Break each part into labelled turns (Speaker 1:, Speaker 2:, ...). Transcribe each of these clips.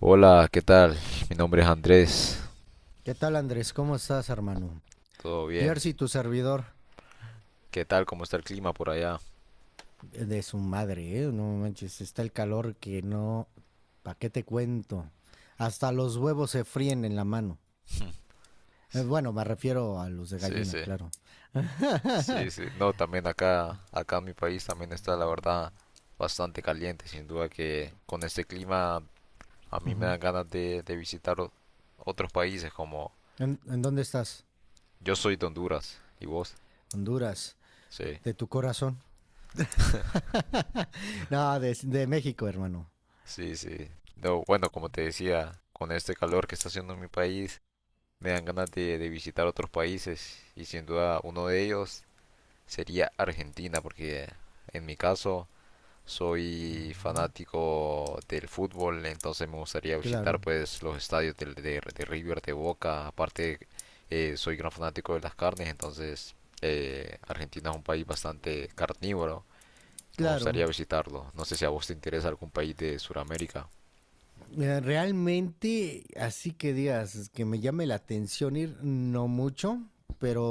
Speaker 1: Hola, ¿qué tal? Mi nombre es Andrés.
Speaker 2: ¿Qué tal, Andrés? ¿Cómo estás, hermano?
Speaker 1: ¿Todo bien?
Speaker 2: Jersey, tu servidor.
Speaker 1: ¿Qué tal? ¿Cómo está el clima por allá?
Speaker 2: De su madre, ¿eh? No manches, está el calor que no. ¿Para qué te cuento? Hasta los huevos se fríen en la mano. Bueno, me refiero a los de
Speaker 1: Sí,
Speaker 2: gallina,
Speaker 1: sí,
Speaker 2: claro.
Speaker 1: sí, sí. No, también acá en mi país también está, la verdad, bastante caliente. Sin duda que con este clima a mí me
Speaker 2: Ujú.
Speaker 1: dan ganas de visitar otros países como
Speaker 2: ¿En dónde estás?
Speaker 1: yo soy de Honduras. ¿Y vos?
Speaker 2: Honduras.
Speaker 1: Sí,
Speaker 2: ¿De tu corazón? No, de México, hermano.
Speaker 1: sí, sí. No, bueno, como te decía, con este calor que está haciendo en mi país, me dan ganas de visitar otros países y sin duda uno de ellos sería Argentina, porque en mi caso soy
Speaker 2: Ujú.
Speaker 1: fanático del fútbol, entonces me gustaría
Speaker 2: Claro,
Speaker 1: visitar pues los estadios de River, de Boca, aparte soy gran fanático de las carnes, entonces Argentina es un país bastante carnívoro, me
Speaker 2: claro.
Speaker 1: gustaría visitarlo. No sé si a vos te interesa algún país de Sudamérica.
Speaker 2: Realmente, así que digas, es que me llame la atención ir, no mucho,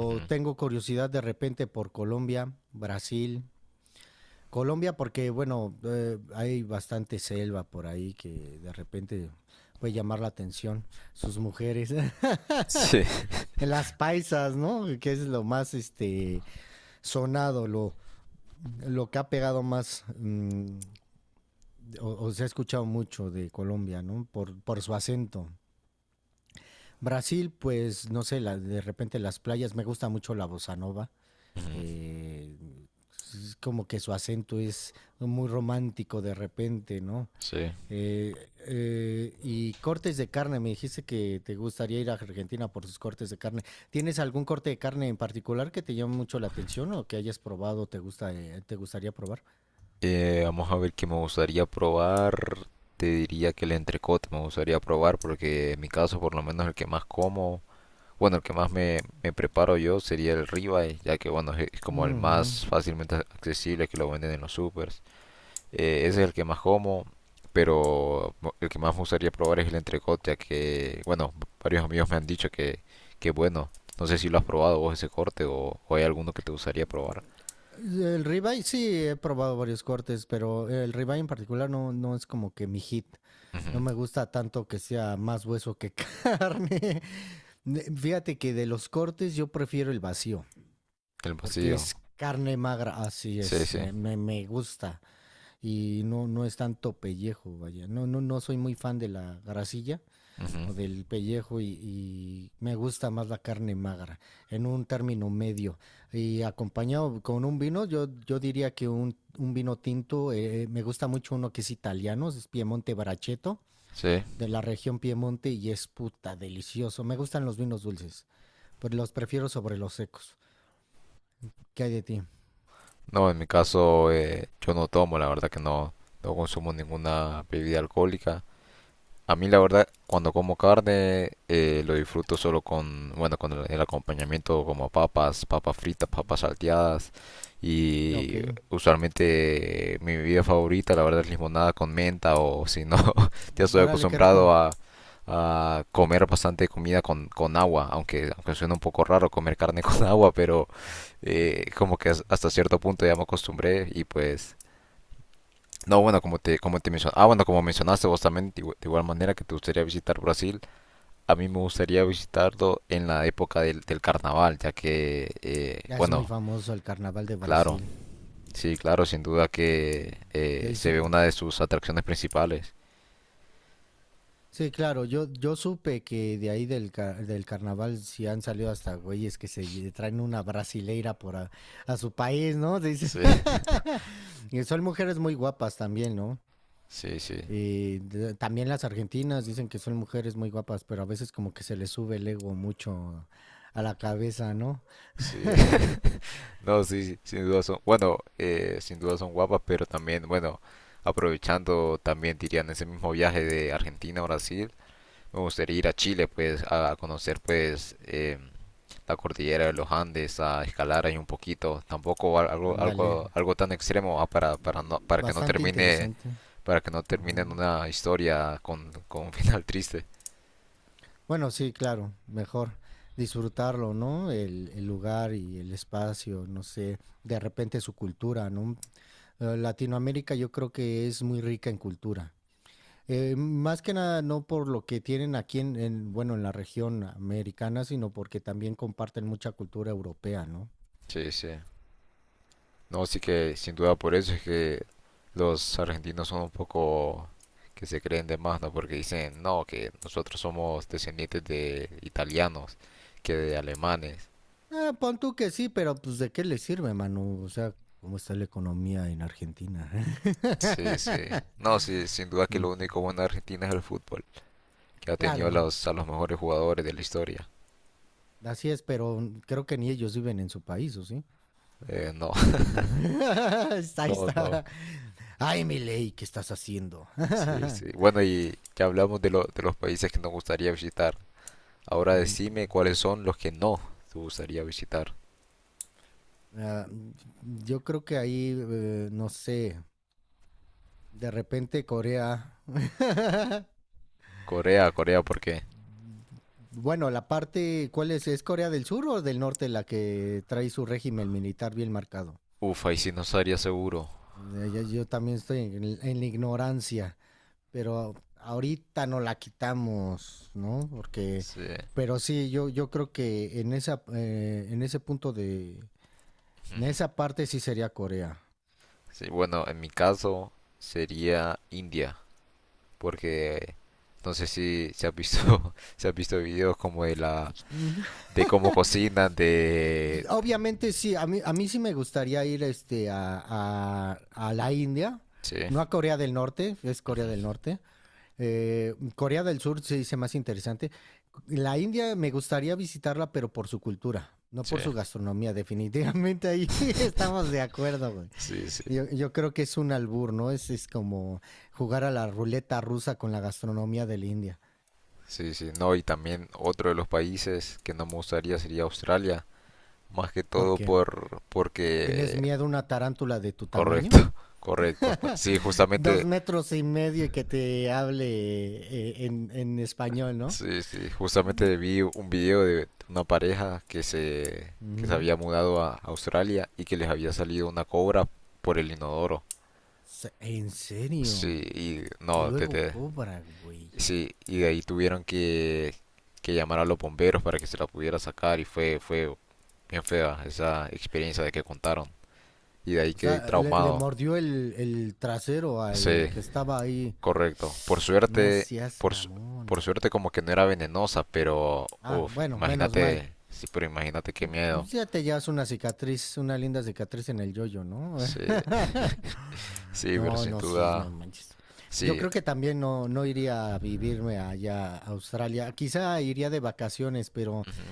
Speaker 1: Ujú.
Speaker 2: tengo curiosidad de repente por Colombia, Brasil. Colombia porque, bueno, hay bastante selva por ahí que de repente puede llamar la atención. Sus mujeres,
Speaker 1: Sí.
Speaker 2: las paisas, ¿no? Que es lo más, sonado, lo que ha pegado más, o se ha escuchado mucho de Colombia, ¿no? Por su acento. Brasil, pues no sé, de repente las playas, me gusta mucho la bossa nova.
Speaker 1: Ujú.
Speaker 2: eh, es como que su acento es muy romántico de repente, ¿no?
Speaker 1: Sí.
Speaker 2: Y cortes de carne, me dijiste que te gustaría ir a Argentina por sus cortes de carne. ¿Tienes algún corte de carne en particular que te llame mucho la atención o que hayas probado, te gusta, te gustaría probar?
Speaker 1: Vamos a ver qué me gustaría probar. Te diría que el entrecote me gustaría probar porque en mi caso por lo menos el que más como, bueno, el que más me preparo yo sería el ribeye, ya que bueno, es como el
Speaker 2: Ujú.
Speaker 1: más fácilmente accesible que lo venden en los supers. Ese es el que más como, pero el que más me gustaría probar es el entrecote, ya que bueno, varios amigos me han dicho que bueno, no sé si lo has probado vos ese corte o hay alguno que te gustaría probar.
Speaker 2: El ribeye sí he probado varios cortes, pero el ribeye en particular no es como que mi hit.
Speaker 1: Ujú.
Speaker 2: No me gusta tanto que sea más hueso que carne. Fíjate que de los cortes yo prefiero el vacío,
Speaker 1: El
Speaker 2: porque
Speaker 1: vacío.
Speaker 2: es carne magra, así
Speaker 1: Sí,
Speaker 2: es,
Speaker 1: sí.
Speaker 2: me gusta. Y no es tanto pellejo, vaya. No, no, no soy muy fan de la grasilla
Speaker 1: Ujú.
Speaker 2: o del pellejo y me gusta más la carne magra, en un término medio. Y acompañado con un vino, yo diría que un vino tinto, me gusta mucho uno que es italiano, es Piemonte Barachetto
Speaker 1: Sí.
Speaker 2: de la región Piemonte y es puta delicioso. Me gustan los vinos dulces, pero los prefiero sobre los secos. ¿Qué hay de ti?
Speaker 1: No, en mi caso yo no tomo, la verdad que no, no consumo ninguna bebida alcohólica. A mí la verdad, cuando como carne, lo disfruto solo con, bueno, con el acompañamiento como papas, papas fritas, papas salteadas
Speaker 2: Ok,
Speaker 1: y usualmente mi bebida favorita, la verdad, es limonada con menta o si no, ya estoy
Speaker 2: órale, qué rico.
Speaker 1: acostumbrado a comer bastante comida con agua, aunque suena un poco raro comer carne con agua, pero como que hasta cierto punto ya me acostumbré y pues no, bueno, como te, bueno, como mencionaste vos también, de, de igual manera que te gustaría visitar Brasil, a mí me gustaría visitarlo en la época del carnaval, ya que,
Speaker 2: Es muy
Speaker 1: bueno,
Speaker 2: famoso el carnaval de
Speaker 1: claro,
Speaker 2: Brasil.
Speaker 1: sí, claro, sin duda que
Speaker 2: Ya
Speaker 1: se
Speaker 2: hizo-
Speaker 1: ve una de sus atracciones principales.
Speaker 2: Sí, claro, yo supe que de ahí del carnaval sí han salido hasta güeyes que se traen una brasileira por a su país, ¿no?
Speaker 1: Sí,
Speaker 2: Y son mujeres muy guapas también, ¿no?
Speaker 1: sí, sí,
Speaker 2: Y también las argentinas dicen que son mujeres muy guapas, pero a veces como que se les sube el ego mucho a la cabeza, ¿no?
Speaker 1: sí. No, sí, sí, sin duda son, bueno, sin duda son guapas, pero también, bueno, aprovechando también, dirían, ese mismo viaje de Argentina a Brasil, me gustaría ir a Chile, pues, a conocer, pues, la cordillera de los Andes a escalar ahí un poquito, tampoco algo,
Speaker 2: Ándale.
Speaker 1: algo tan extremo para, no, para que no
Speaker 2: Bastante
Speaker 1: termine,
Speaker 2: interesante.
Speaker 1: para que no termine en una historia con un final triste.
Speaker 2: Bueno, sí, claro, mejor disfrutarlo, ¿no? El lugar y el espacio, no sé, de repente su cultura, ¿no? Latinoamérica yo creo que es muy rica en cultura. Más que nada no por lo que tienen aquí bueno, en la región americana, sino porque también comparten mucha cultura europea, ¿no?
Speaker 1: Sí, sí. No, sí que sin duda por eso es que los argentinos son un poco que se creen de más, ¿no? Porque dicen, no, que nosotros somos descendientes de italianos, que de alemanes.
Speaker 2: Ah, pon tú que sí, pero pues ¿de qué le sirve, mano? O sea, ¿cómo está la economía en Argentina?
Speaker 1: Sí, sí. No, sí, sin duda que
Speaker 2: Mm.
Speaker 1: lo único bueno de Argentina es el fútbol, que ha tenido
Speaker 2: Claro,
Speaker 1: los, a los mejores jugadores de la historia.
Speaker 2: así es, pero creo que ni ellos viven en su país, ¿o sí?
Speaker 1: No,
Speaker 2: Ajá. Ahí
Speaker 1: no, no.
Speaker 2: está. Ay, Milei, ¿qué estás haciendo?
Speaker 1: Sí, sí. Bueno, y ya hablamos de los países que nos gustaría visitar. Ahora decime cuáles son los que no te gustaría visitar.
Speaker 2: Ah, yo creo que ahí, no sé, de repente Corea.
Speaker 1: Corea, Corea, ¿por qué?
Speaker 2: Bueno, la parte, ¿cuál es? ¿Es Corea del Sur o del Norte la que trae su régimen militar bien marcado?
Speaker 1: Uf, ahí sí no estaría seguro.
Speaker 2: Yo también estoy en la ignorancia. Pero ahorita no la quitamos, ¿no? Porque,
Speaker 1: Sí.
Speaker 2: pero sí, yo creo que en ese punto en
Speaker 1: Ujú.
Speaker 2: esa parte sí sería Corea.
Speaker 1: Sí, bueno, en mi caso sería India, porque no sé si se ha visto, se ha visto videos como de la,
Speaker 2: Mm,
Speaker 1: de cómo cocinan, de...
Speaker 2: Obviamente sí, a mí sí me gustaría ir a la India,
Speaker 1: Sí,
Speaker 2: no a Corea del Norte, es Corea del
Speaker 1: ujú,
Speaker 2: Norte. Corea del Sur se dice más interesante. La India me gustaría visitarla, pero por su cultura, no
Speaker 1: sí.
Speaker 2: por su gastronomía, definitivamente ahí estamos de acuerdo, güey.
Speaker 1: Sí, sí.
Speaker 2: Yo creo que es un albur, ¿no? Es como jugar a la ruleta rusa con la gastronomía de la India.
Speaker 1: Sí, sí, no, y también otro de los países que no me gustaría sería Australia, más que
Speaker 2: ¿Por
Speaker 1: todo
Speaker 2: qué? ¿Tienes
Speaker 1: porque
Speaker 2: miedo a una tarántula de tu tamaño?
Speaker 1: correcto, correcto. Sí,
Speaker 2: Dos
Speaker 1: justamente,
Speaker 2: metros y medio y que te hable en español, ¿no?
Speaker 1: sí, sí, justamente vi un video de una pareja que se
Speaker 2: Ujú.
Speaker 1: había mudado a Australia y que les había salido una cobra por el inodoro.
Speaker 2: En serio.
Speaker 1: Sí, y
Speaker 2: Y
Speaker 1: no,
Speaker 2: luego cobra, güey.
Speaker 1: sí, y de ahí tuvieron que llamar a los bomberos para que se la pudiera sacar y fue bien fea esa experiencia de que contaron. Y de ahí
Speaker 2: O
Speaker 1: quedé
Speaker 2: sea, le
Speaker 1: traumado.
Speaker 2: mordió el trasero al
Speaker 1: Sí,
Speaker 2: que estaba ahí.
Speaker 1: correcto. Por
Speaker 2: No
Speaker 1: suerte,
Speaker 2: seas
Speaker 1: por, su- por
Speaker 2: mamón.
Speaker 1: suerte como que no era venenosa, pero
Speaker 2: Ah,
Speaker 1: uff,
Speaker 2: bueno, menos mal.
Speaker 1: imagínate, sí, pero imagínate qué miedo.
Speaker 2: Pues ya te llevas una cicatriz, una linda cicatriz en el yoyo, ¿no?
Speaker 1: Sí, sí, pero
Speaker 2: No,
Speaker 1: sin
Speaker 2: no, sí, no
Speaker 1: duda,
Speaker 2: manches. Yo
Speaker 1: sí,
Speaker 2: creo que también no iría a vivirme allá a Australia. Quizá iría de vacaciones, pero
Speaker 1: ujú,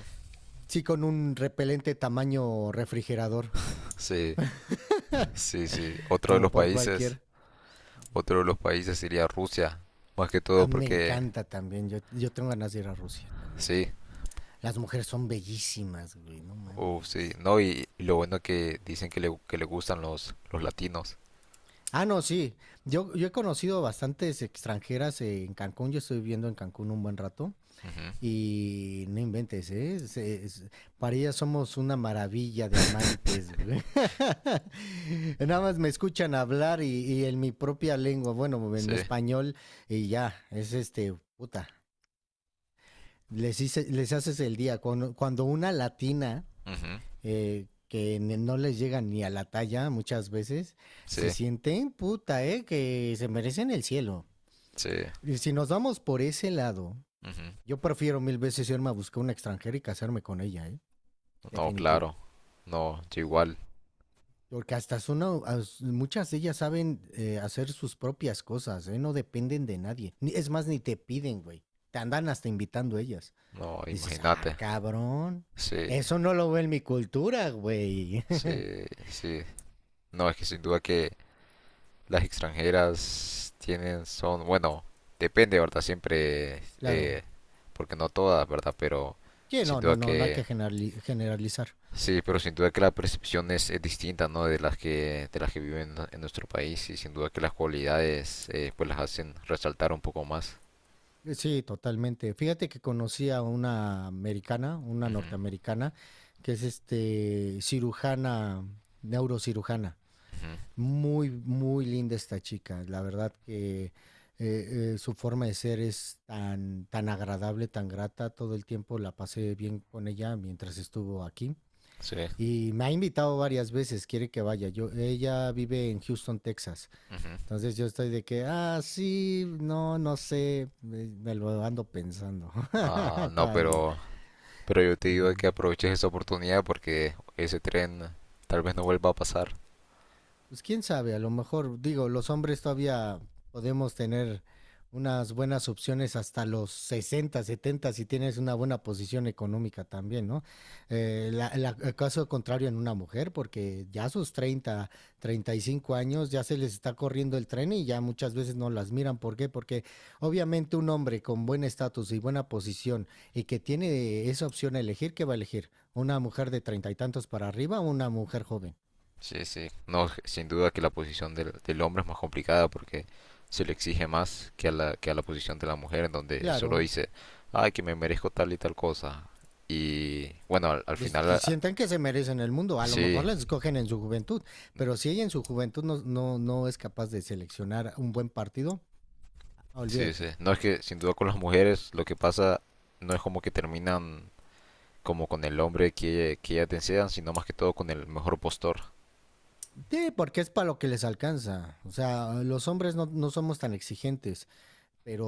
Speaker 2: sí con un repelente tamaño refrigerador,
Speaker 1: sí, sí, sí. Otro de
Speaker 2: como
Speaker 1: los
Speaker 2: por
Speaker 1: países,
Speaker 2: cualquier.
Speaker 1: otro de los países sería Rusia, más que
Speaker 2: A
Speaker 1: todo
Speaker 2: me
Speaker 1: porque,
Speaker 2: encanta también. Yo tengo ganas de ir a Rusia también.
Speaker 1: sí,
Speaker 2: Las mujeres son bellísimas, güey, no
Speaker 1: uff, sí,
Speaker 2: mames.
Speaker 1: no, y lo bueno que dicen que le gustan los latinos.
Speaker 2: Ah, no, sí. Yo he conocido bastantes extranjeras en Cancún. Yo estoy viviendo en Cancún un buen rato.
Speaker 1: Ujú.
Speaker 2: Y no inventes, ¿eh? Para ella somos una maravilla de amantes, güey. Nada más me escuchan hablar y en mi propia lengua, bueno, en
Speaker 1: Sí,
Speaker 2: español, y ya, es este, puta. Les haces el día. Cuando una latina
Speaker 1: ujú,
Speaker 2: que no les llega ni a la talla muchas veces, se
Speaker 1: sí,
Speaker 2: sienten, puta, ¿eh? Que se merecen el cielo.
Speaker 1: sí,
Speaker 2: Y si nos vamos por ese lado,
Speaker 1: ujú.
Speaker 2: yo prefiero mil veces irme a buscar una extranjera y casarme con ella, ¿eh?
Speaker 1: No,
Speaker 2: Definitivo.
Speaker 1: claro. No, yo igual.
Speaker 2: Porque hasta muchas de ellas saben hacer sus propias cosas, ¿eh? No dependen de nadie. Es más, ni te piden, güey. Te andan hasta invitando ellas.
Speaker 1: No,
Speaker 2: Dices, ah,
Speaker 1: imagínate.
Speaker 2: cabrón.
Speaker 1: Sí,
Speaker 2: Eso no lo veo en mi cultura, güey.
Speaker 1: sí, sí. No, es que sin duda que las extranjeras tienen, son, bueno, depende, ¿verdad? Siempre,
Speaker 2: Claro.
Speaker 1: porque no todas, ¿verdad? Pero
Speaker 2: Sí,
Speaker 1: sin
Speaker 2: no,
Speaker 1: duda
Speaker 2: no, no, no hay
Speaker 1: que,
Speaker 2: que generalizar.
Speaker 1: sí, pero sin duda que la percepción es distinta, ¿no? De las que viven en nuestro país y sin duda que las cualidades, pues las hacen resaltar un poco más.
Speaker 2: Sí, totalmente. Fíjate que conocí a una americana, una
Speaker 1: Ujú,
Speaker 2: norteamericana, que es neurocirujana.
Speaker 1: ujú.
Speaker 2: Muy, muy linda esta chica. La verdad que su forma de ser es tan, tan agradable, tan grata. Todo el tiempo la pasé bien con ella mientras estuvo aquí.
Speaker 1: Sí.
Speaker 2: Y me ha invitado varias veces, quiere que vaya. Ella vive en Houston, Texas.
Speaker 1: Ujú.
Speaker 2: Entonces yo estoy de que, ah, sí, no, no sé. Me lo ando pensando
Speaker 1: Ah, no,
Speaker 2: todavía.
Speaker 1: pero yo te digo
Speaker 2: Mm.
Speaker 1: que aproveches esa oportunidad porque ese tren tal vez no vuelva a pasar.
Speaker 2: Pues quién sabe, a lo mejor, digo, los hombres todavía podemos tener unas buenas opciones hasta los 60, 70, si tienes una buena posición económica también, ¿no? El caso contrario en una mujer, porque ya a sus 30, 35 años ya se les está corriendo el tren y ya muchas veces no las miran. ¿Por qué? Porque obviamente un hombre con buen estatus y buena posición y que tiene esa opción a elegir, ¿qué va a elegir? ¿Una mujer de 30 y tantos para arriba o una mujer joven?
Speaker 1: Sí, sí. No, sin duda que la posición del hombre es más complicada porque se le exige más que a la posición de la mujer en donde solo
Speaker 2: Claro,
Speaker 1: dice, ay, que me merezco tal y tal cosa. Y bueno, al
Speaker 2: y
Speaker 1: final,
Speaker 2: si sientan que se merecen el mundo. A lo
Speaker 1: sí,
Speaker 2: mejor las escogen en su juventud, pero si ella en su juventud no, no, no es capaz de seleccionar un buen partido, ah,
Speaker 1: sí, sí.
Speaker 2: olvídate.
Speaker 1: No es que sin duda con las mujeres lo que pasa no es como que terminan como con el hombre que ellas desean, sino más que todo con el mejor postor.
Speaker 2: Sí, porque es para lo que les alcanza. O sea, los hombres no somos tan exigentes, pero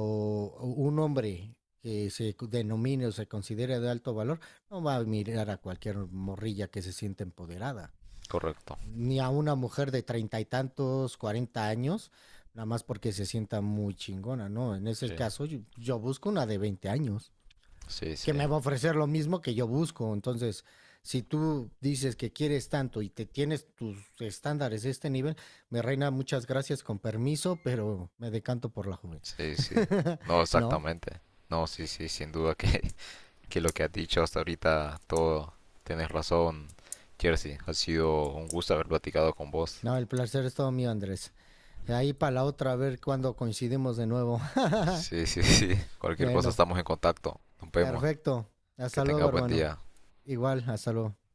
Speaker 2: un hombre que se denomine o se considere de alto valor no va a mirar a cualquier morrilla que se siente empoderada.
Speaker 1: Correcto.
Speaker 2: Ni a una mujer de 30 y tantos, 40 años, nada más porque se sienta muy chingona, ¿no? En ese
Speaker 1: Sí,
Speaker 2: caso, yo busco una de 20 años,
Speaker 1: sí, sí.
Speaker 2: que me va a ofrecer lo mismo que yo busco. Entonces, si tú dices que quieres tanto y te tienes tus estándares de este nivel, me reina, muchas gracias, con permiso, pero me decanto por la joven.
Speaker 1: Sí, sí. No,
Speaker 2: ¿No?
Speaker 1: exactamente. No, sí, sí, sin duda que, que lo que has dicho hasta ahorita, todo, tienes razón, Jersey. Ha sido un gusto haber platicado con vos.
Speaker 2: No, el placer es todo mío, Andrés. Ahí para la otra, a ver cuándo coincidimos de nuevo.
Speaker 1: Sí, sí, sí. Cualquier cosa
Speaker 2: Bueno,
Speaker 1: estamos en contacto. Nos vemos.
Speaker 2: perfecto.
Speaker 1: Que
Speaker 2: Hasta luego,
Speaker 1: tengas buen
Speaker 2: hermano.
Speaker 1: día.
Speaker 2: Igual, hasta luego.